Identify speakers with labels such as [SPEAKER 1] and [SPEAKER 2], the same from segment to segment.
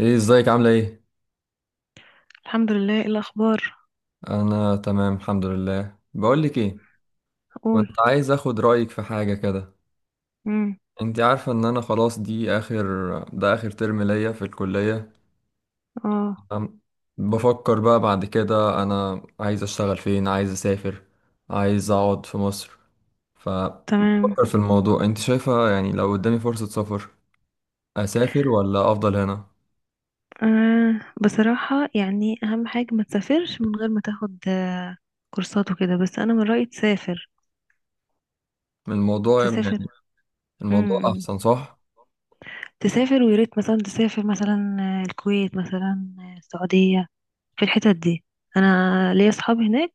[SPEAKER 1] ايه ازيك، عاملة ايه؟
[SPEAKER 2] الحمد لله. ايه الاخبار؟
[SPEAKER 1] انا تمام الحمد لله. بقولك ايه،
[SPEAKER 2] اقول.
[SPEAKER 1] كنت عايز اخد رأيك في حاجة كده.
[SPEAKER 2] امم.
[SPEAKER 1] انت عارفة ان انا خلاص دي اخر ده اخر ترم ليا في الكلية،
[SPEAKER 2] اه.
[SPEAKER 1] تمام؟ بفكر بقى بعد كده، انا عايز اشتغل فين، عايز اسافر، عايز اقعد في مصر.
[SPEAKER 2] تمام.
[SPEAKER 1] فبفكر في الموضوع، انت شايفة يعني لو قدامي فرصة سفر، اسافر ولا افضل هنا؟
[SPEAKER 2] بصراحة، يعني اهم حاجة ما تسافرش من غير ما تاخد كورسات وكده، بس انا من رأيي تسافر.
[SPEAKER 1] الموضوع
[SPEAKER 2] تسافر.
[SPEAKER 1] يعني الموضوع
[SPEAKER 2] امم.
[SPEAKER 1] احسن صح؟
[SPEAKER 2] تسافر، ويا ريت مثلا تسافر، مثلا الكويت، مثلا السعودية، في الحتت دي. انا ليا اصحاب هناك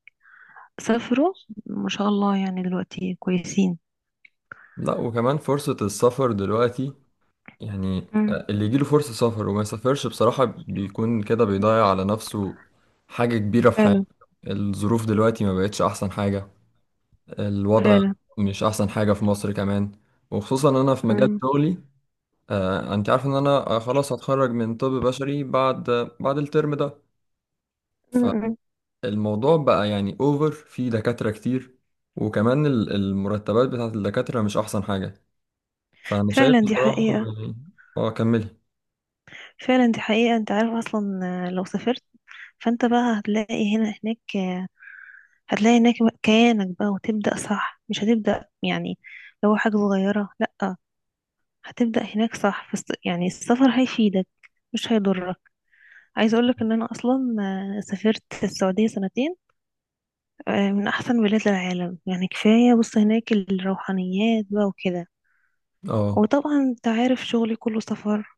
[SPEAKER 2] سافروا ما شاء الله، يعني دلوقتي كويسين.
[SPEAKER 1] لا، وكمان فرصة السفر دلوقتي، يعني
[SPEAKER 2] امم.
[SPEAKER 1] اللي يجيله فرصة سفر وما يسافرش بصراحة بيكون كده بيضيع على نفسه حاجة كبيرة في حياته.
[SPEAKER 2] فعلا.
[SPEAKER 1] الظروف دلوقتي ما بقتش أحسن حاجة، الوضع
[SPEAKER 2] فعلا.
[SPEAKER 1] مش أحسن حاجة في مصر كمان، وخصوصا أنا في مجال
[SPEAKER 2] امم.
[SPEAKER 1] شغلي. أنت عارف إن أنا خلاص هتخرج من طب بشري بعد بعد الترم ده.
[SPEAKER 2] أمم.
[SPEAKER 1] فالموضوع بقى يعني أوفر في دكاترة كتير، وكمان المرتبات بتاعت الدكاترة مش أحسن حاجة. فأنا شايف
[SPEAKER 2] فعلا دي
[SPEAKER 1] بصراحة،
[SPEAKER 2] حقيقة.
[SPEAKER 1] يعني، أه كملي.
[SPEAKER 2] فعلا دي حقيقة. انت عارف اصلا، لو سافرت، فانت بقى هتلاقي هنا هناك، هتلاقي هناك كيانك بقى، وتبدأ صح، مش هتبدأ يعني لو حاجة صغيرة، لأ. هتبدأ هناك صح، فس يعني السفر هيفيدك، مش هيضرك. عايزة أقولك إن أنا أصلا سافرت السعودية سنتين. من أحسن بلاد العالم، يعني كفاية بص هناك الروحانيات بقى وكده.
[SPEAKER 1] أه،
[SPEAKER 2] وطبعا أنت عارف شغلي كله سفر،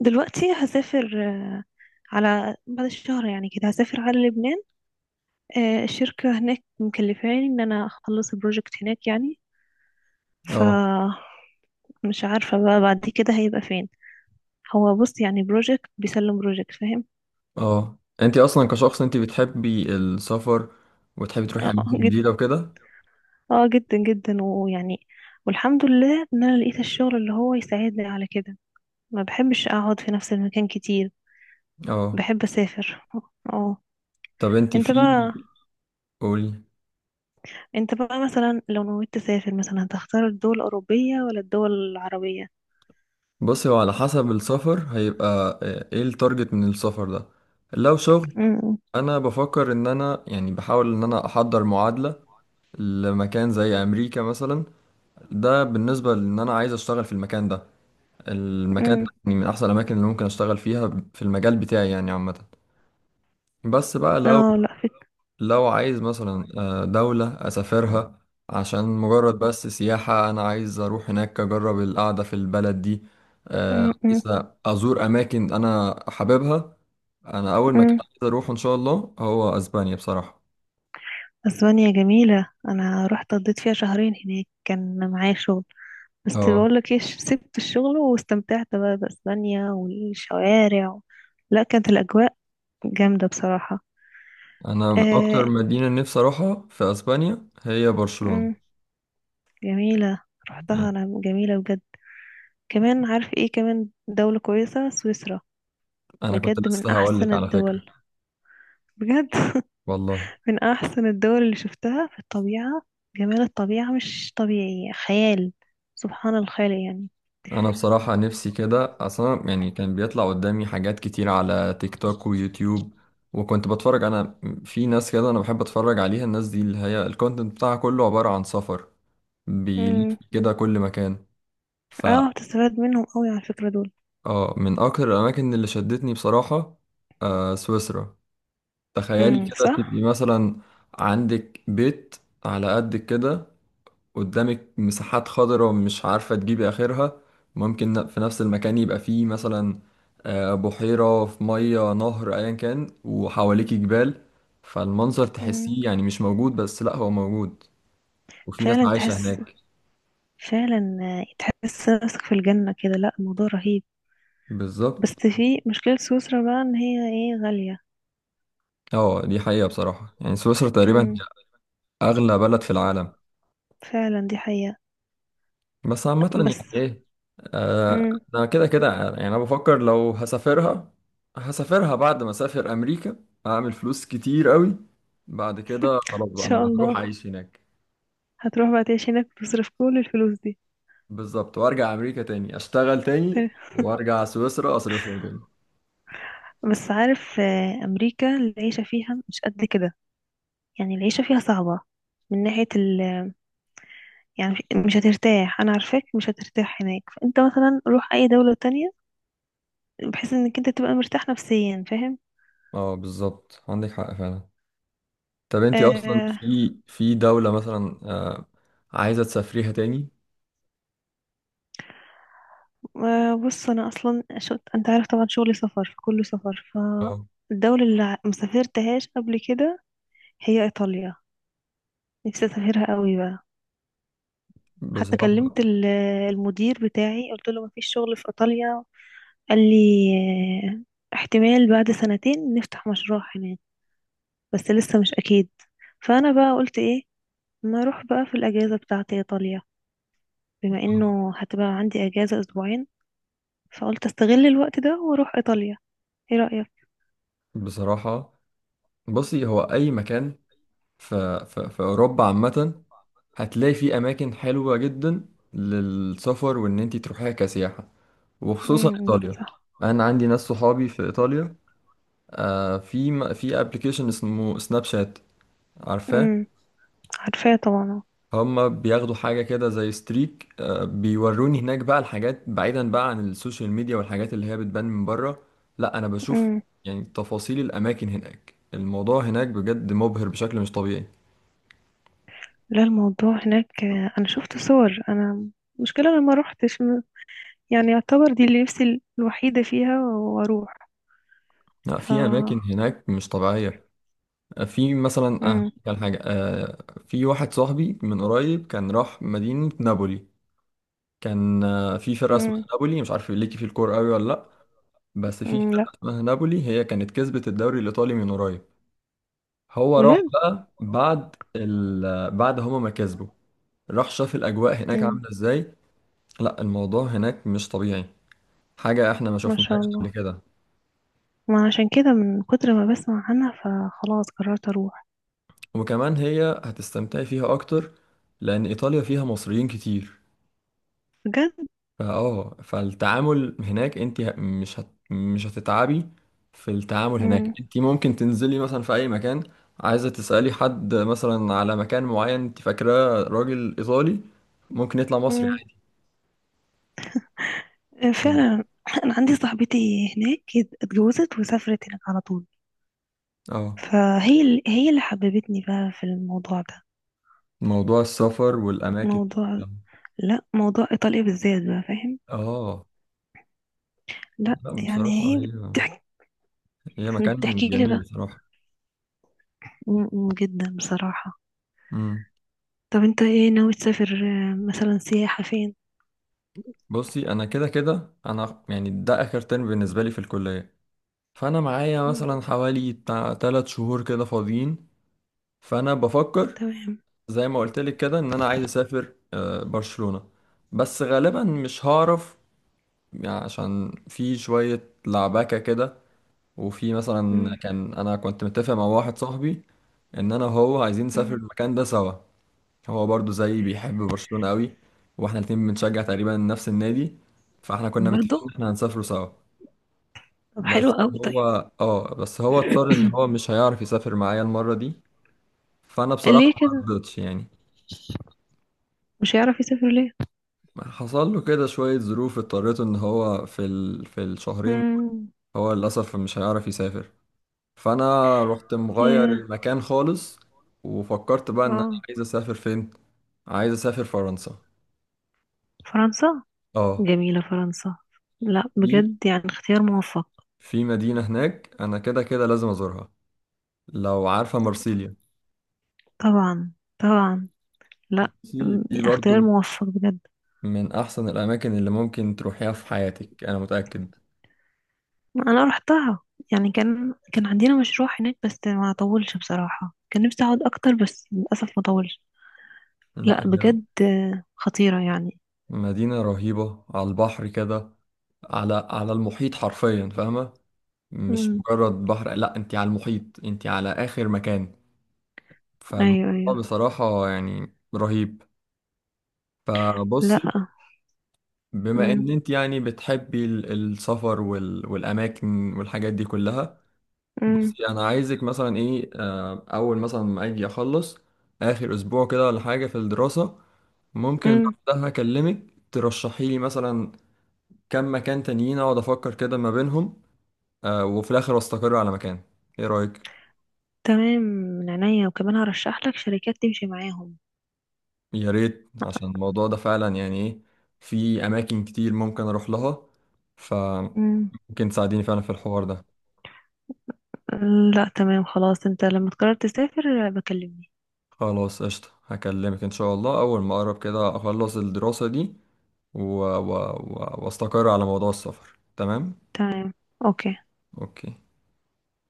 [SPEAKER 2] فدلوقتي هسافر على بعد الشهر، يعني كده هسافر على لبنان. الشركة هناك مكلفاني ان انا اخلص البروجكت هناك، يعني ف
[SPEAKER 1] أه،
[SPEAKER 2] مش عارفة بقى بعد كده هيبقى فين. هو بص، يعني بروجكت بيسلم بروجكت، فاهم؟
[SPEAKER 1] اه، انت اصلا كشخص انت بتحبي السفر وتحبي تروحي
[SPEAKER 2] اه.
[SPEAKER 1] اماكن
[SPEAKER 2] جد.
[SPEAKER 1] جديده وكده.
[SPEAKER 2] اه، جدا جدا، ويعني والحمد لله ان انا لقيت الشغل اللي هو يساعدني على كده. ما بحبش اقعد في نفس المكان كتير،
[SPEAKER 1] اه،
[SPEAKER 2] بحب اسافر. اه.
[SPEAKER 1] طب انت
[SPEAKER 2] انت
[SPEAKER 1] في
[SPEAKER 2] بقى
[SPEAKER 1] قولي.
[SPEAKER 2] انت بقى مثلا لو نويت تسافر، مثلا هتختار الدول الأوروبية ولا الدول العربية؟
[SPEAKER 1] بصي، هو على حسب السفر. هيبقى ايه التارجت من السفر ده؟ لو شغل،
[SPEAKER 2] امم.
[SPEAKER 1] انا بفكر ان انا، يعني، بحاول ان انا احضر معادله لمكان زي امريكا مثلا. ده بالنسبه لان انا عايز اشتغل في المكان ده. المكان ده
[SPEAKER 2] امم.
[SPEAKER 1] يعني من احسن الاماكن اللي ممكن اشتغل فيها في المجال بتاعي، يعني، عامه. بس بقى لو،
[SPEAKER 2] اه، لا فكرة.
[SPEAKER 1] لو عايز مثلا دولة أسافرها عشان مجرد بس سياحة، أنا عايز أروح هناك أجرب القعدة في البلد دي. عايز أزور أماكن أنا حاببها. أنا أول مكان عايز أروحه إن شاء الله هو أسبانيا، بصراحة.
[SPEAKER 2] اسبانيا جميلة، انا رحت قضيت فيها شهرين هناك، كان معايا شغل. بس
[SPEAKER 1] أه.
[SPEAKER 2] بقولك ايه، سبت الشغل واستمتعت بقى باسبانيا والشوارع لا كانت الاجواء جامدة بصراحة.
[SPEAKER 1] أنا أكتر
[SPEAKER 2] آه...
[SPEAKER 1] مدينة نفسي أروحها في أسبانيا هي
[SPEAKER 2] مم.
[SPEAKER 1] برشلونة،
[SPEAKER 2] جميلة. رحتها
[SPEAKER 1] يعني.
[SPEAKER 2] انا، جميلة بجد. كمان عارف ايه؟ كمان دولة كويسة سويسرا.
[SPEAKER 1] أنا كنت
[SPEAKER 2] بجد من
[SPEAKER 1] لسه
[SPEAKER 2] احسن
[SPEAKER 1] هقولك على فكرة.
[SPEAKER 2] الدول. بجد
[SPEAKER 1] والله،
[SPEAKER 2] من احسن الدول اللي شفتها في الطبيعة. جمال الطبيعة مش طبيعي، خيال. سبحان الخالق يعني.
[SPEAKER 1] انا بصراحة نفسي كده اصلا، يعني كان بيطلع قدامي حاجات كتير على تيك توك ويوتيوب، وكنت بتفرج انا. في ناس كده انا بحب اتفرج عليها، الناس دي اللي هي الكونتنت بتاعها كله عبارة عن سفر، بيلف
[SPEAKER 2] مم.
[SPEAKER 1] كده كل مكان. ف
[SPEAKER 2] اه، تستفاد منهم قوي على الفكرة دول.
[SPEAKER 1] اه، من اكتر الاماكن اللي شدتني بصراحة سويسرا. تخيلي
[SPEAKER 2] امم،
[SPEAKER 1] كده تبقي
[SPEAKER 2] صح.
[SPEAKER 1] مثلا عندك بيت على قدك كده، قدامك مساحات خضراء مش عارفة تجيبي آخرها. ممكن في نفس المكان يبقى فيه مثلا بحيرة في مية نهر أيا كان، وحواليك جبال. فالمنظر
[SPEAKER 2] امم.
[SPEAKER 1] تحسيه يعني مش موجود، بس لأ، هو موجود. وفي ناس
[SPEAKER 2] فعلا
[SPEAKER 1] عايشة
[SPEAKER 2] تحس.
[SPEAKER 1] هناك.
[SPEAKER 2] فعلا تحس نفسك في الجنة كده. لا الموضوع رهيب. بس
[SPEAKER 1] بالظبط.
[SPEAKER 2] في مشكلة سويسرا بقى، ان هي ايه، غالية.
[SPEAKER 1] اه، دي حقيقة بصراحة، يعني سويسرا تقريبا
[SPEAKER 2] امم.
[SPEAKER 1] هي أغلى بلد في العالم.
[SPEAKER 2] فعلا دي حقيقة.
[SPEAKER 1] بس عامة
[SPEAKER 2] بس.
[SPEAKER 1] يعني إيه، آه،
[SPEAKER 2] ان
[SPEAKER 1] أنا كده كده، يعني أنا بفكر لو هسافرها، هسافرها بعد ما أسافر أمريكا، أعمل فلوس كتير قوي، بعد كده خلاص بقى
[SPEAKER 2] شاء
[SPEAKER 1] انا هروح
[SPEAKER 2] الله.
[SPEAKER 1] اعيش هناك.
[SPEAKER 2] هتروح بقى تعيش هناك وتصرف كل الفلوس دي؟
[SPEAKER 1] بالظبط، وارجع امريكا تاني اشتغل تاني،
[SPEAKER 2] تمام.
[SPEAKER 1] وارجع سويسرا اصرفهم تاني.
[SPEAKER 2] بس عارف، امريكا العيشة فيها مش قد كده، يعني العيشة فيها صعبة. من ناحية ال، يعني مش هترتاح، انا عارفاك مش هترتاح هناك. فانت مثلا روح اي دولة تانية، بحيث انك انت تبقى مرتاح نفسيا، فاهم؟
[SPEAKER 1] اه، بالظبط عندك حق فعلا. طب انتي اصلا،
[SPEAKER 2] آه.
[SPEAKER 1] في في دولة مثلا عايزة تسافريها تاني؟
[SPEAKER 2] بص انا اصلا انت عارف طبعا شغلي سفر، فكله سفر.
[SPEAKER 1] اه،
[SPEAKER 2] فالدولة اللي مسافرتهاش قبل كده هي ايطاليا. نفسي اسافرها قوي بقى. حتى
[SPEAKER 1] بصراحة،
[SPEAKER 2] كلمت المدير بتاعي قلت له مفيش شغل في ايطاليا؟ قال لي احتمال بعد سنتين نفتح مشروع هناك، بس لسه مش اكيد. فانا بقى قلت ايه، ما اروح بقى في الاجازة بتاعتي ايطاليا، بما انه هتبقى عندي اجازة اسبوعين. فقلت استغل الوقت ده واروح ايطاليا. ايه رأيك؟
[SPEAKER 1] بصراحة بصي هو أي مكان في, أوروبا، عامة هتلاقي فيه أماكن حلوة جدا للسفر، وإن أنتي تروحيها كسياحة، وخصوصا
[SPEAKER 2] امم،
[SPEAKER 1] إيطاليا.
[SPEAKER 2] صح.
[SPEAKER 1] أنا عندي ناس صحابي في إيطاليا. في في ابلكيشن اسمه سناب شات، عارفاه.
[SPEAKER 2] امم. عارفاه طبعا.
[SPEAKER 1] هما بياخدوا حاجة كده زي ستريك، بيوروني هناك بقى الحاجات، بعيدا بقى عن السوشيال ميديا والحاجات اللي هي بتبان من بره. لا، انا بشوف
[SPEAKER 2] امم.
[SPEAKER 1] يعني تفاصيل الاماكن هناك، الموضوع هناك بجد مبهر بشكل مش طبيعي.
[SPEAKER 2] لا الموضوع هناك، انا شفت صور انا. المشكلة انا ما روحتش، يعني يعتبر دي اللي نفسي الوحيدة فيها، واروح.
[SPEAKER 1] لا،
[SPEAKER 2] ف
[SPEAKER 1] في اماكن هناك مش طبيعية. في مثلا
[SPEAKER 2] امم.
[SPEAKER 1] كان حاجة، في واحد صاحبي من قريب كان راح مدينة نابولي. كان في فرقة اسمها
[SPEAKER 2] امم.
[SPEAKER 1] نابولي، مش عارف ليكي في الكورة قوي ولا لا، بس في
[SPEAKER 2] أمم،
[SPEAKER 1] فرقة
[SPEAKER 2] لا.
[SPEAKER 1] اسمها نابولي، هي كانت كسبت الدوري الإيطالي من قريب. هو راح
[SPEAKER 2] بجد.
[SPEAKER 1] بقى بعد هما ما كسبوا، راح شاف الأجواء هناك
[SPEAKER 2] امم.
[SPEAKER 1] عاملة إزاي. لا، الموضوع هناك مش طبيعي، حاجة إحنا ما
[SPEAKER 2] ما شاء
[SPEAKER 1] شفناهاش قبل
[SPEAKER 2] الله.
[SPEAKER 1] كده.
[SPEAKER 2] ما عشان كده من كتر ما بسمع عنها فخلاص قررت اروح.
[SPEAKER 1] وكمان هي هتستمتعي فيها أكتر، لأن إيطاليا فيها مصريين كتير.
[SPEAKER 2] بجد.
[SPEAKER 1] فالتعامل هناك، انت مش هتتعبي في التعامل هناك.
[SPEAKER 2] امم.
[SPEAKER 1] انت ممكن تنزلي مثلا في اي مكان، عايزه تسالي حد مثلا على مكان معين، انت فاكراه راجل ايطالي، ممكن يطلع مصري
[SPEAKER 2] امم.
[SPEAKER 1] عادي.
[SPEAKER 2] فعلا. انا عندي صاحبتي هناك اتجوزت وسافرت هناك على طول.
[SPEAKER 1] اه،
[SPEAKER 2] هي اللي حببتني بقى في الموضوع ده.
[SPEAKER 1] موضوع السفر والاماكن دي
[SPEAKER 2] موضوع
[SPEAKER 1] كلها.
[SPEAKER 2] لا، موضوع إيطاليا بالذات بقى، فاهم؟
[SPEAKER 1] اه،
[SPEAKER 2] لا
[SPEAKER 1] لا
[SPEAKER 2] يعني
[SPEAKER 1] بصراحه
[SPEAKER 2] هي بتحكي.
[SPEAKER 1] هي مكان
[SPEAKER 2] بتحكي لي
[SPEAKER 1] جميل،
[SPEAKER 2] بقى
[SPEAKER 1] بصراحه.
[SPEAKER 2] جدا بصراحة.
[SPEAKER 1] امم
[SPEAKER 2] طب انت ايه ناوي تسافر، مثلا سياحة فين؟
[SPEAKER 1] بصي، انا كده كده، انا يعني ده اخر ترم بالنسبه لي في الكليه. فانا معايا
[SPEAKER 2] مم.
[SPEAKER 1] مثلا حوالي بتاع 3 شهور كده فاضيين، فانا بفكر
[SPEAKER 2] تمام.
[SPEAKER 1] زي ما قلت لك كده، ان انا عايز اسافر برشلونة. بس غالبا مش هعرف، يعني عشان في شوية لعبكة كده. وفي مثلا
[SPEAKER 2] مم.
[SPEAKER 1] كان، انا كنت متفق مع واحد صاحبي ان انا وهو عايزين نسافر
[SPEAKER 2] مم.
[SPEAKER 1] المكان ده سوا. هو برضو زي بيحب برشلونة قوي، واحنا الاتنين بنشجع تقريبا نفس النادي، فاحنا كنا متفقين
[SPEAKER 2] برضو.
[SPEAKER 1] ان احنا هنسافروا سوا.
[SPEAKER 2] طب حلو
[SPEAKER 1] بس
[SPEAKER 2] قوي،
[SPEAKER 1] هو،
[SPEAKER 2] طيب.
[SPEAKER 1] اضطر ان هو مش هيعرف يسافر معايا المرة دي. فانا بصراحة
[SPEAKER 2] ليه
[SPEAKER 1] ما
[SPEAKER 2] كده؟
[SPEAKER 1] رضيتش، يعني
[SPEAKER 2] مش هيعرف يسافر ليه؟
[SPEAKER 1] حصل له كده شوية ظروف، اضطريته ان هو في الشهرين
[SPEAKER 2] مم.
[SPEAKER 1] هو للأسف مش هيعرف يسافر. فانا رحت مغير
[SPEAKER 2] ياه.
[SPEAKER 1] المكان خالص، وفكرت بقى ان انا
[SPEAKER 2] اه.
[SPEAKER 1] عايز اسافر فين. عايز اسافر فرنسا.
[SPEAKER 2] فرنسا.
[SPEAKER 1] اه.
[SPEAKER 2] جميلة فرنسا. لا
[SPEAKER 1] في
[SPEAKER 2] بجد يعني اختيار موفق.
[SPEAKER 1] مدينة هناك انا كده كده لازم ازورها، لو عارفة، مرسيليا.
[SPEAKER 2] طبعا. طبعا. لا.
[SPEAKER 1] دي برضو
[SPEAKER 2] اختيار موفق بجد.
[SPEAKER 1] من احسن الاماكن اللي ممكن تروحيها في حياتك، انا متأكد.
[SPEAKER 2] انا رحتها، يعني كان عندنا مشروع هناك، بس ما طولش بصراحة. كان نفسي اقعد اكتر بس للاسف ما طولش. لا
[SPEAKER 1] لا، هي
[SPEAKER 2] بجد، خطيرة يعني.
[SPEAKER 1] مدينة رهيبة على البحر كده، على المحيط حرفيا، فاهمة؟ مش
[SPEAKER 2] امم.
[SPEAKER 1] مجرد بحر، لا انت على المحيط، انت على اخر مكان. فالموضوع
[SPEAKER 2] ايوه ايوه.
[SPEAKER 1] بصراحة يعني رهيب.
[SPEAKER 2] لا.
[SPEAKER 1] فبصي، بما
[SPEAKER 2] امم.
[SPEAKER 1] ان انت يعني بتحبي السفر والاماكن والحاجات دي كلها،
[SPEAKER 2] امم.
[SPEAKER 1] بصي انا عايزك مثلا ايه، اول مثلا ما اجي اخلص اخر اسبوع كده ولا حاجة في الدراسة، ممكن
[SPEAKER 2] امم.
[SPEAKER 1] بعدها اكلمك ترشحي لي مثلا كم مكان تانيين، اقعد افكر كده ما بينهم، وفي الاخر استقر على مكان. ايه رأيك؟
[SPEAKER 2] تمام من عينيا. وكمان هرشح لك شركات تمشي معاهم.
[SPEAKER 1] يا ريت، عشان الموضوع ده فعلا يعني ايه، في اماكن كتير ممكن اروح لها، فممكن
[SPEAKER 2] امم.
[SPEAKER 1] تساعديني فعلا في الحوار ده.
[SPEAKER 2] لا تمام. خلاص انت لما تقرر تسافر بكلمني.
[SPEAKER 1] خلاص، قشطة، هكلمك ان شاء الله اول ما اقرب كده اخلص الدراسة دي، و... و... و... واستقر على موضوع السفر. تمام.
[SPEAKER 2] تمام. اوكي.
[SPEAKER 1] اوكي.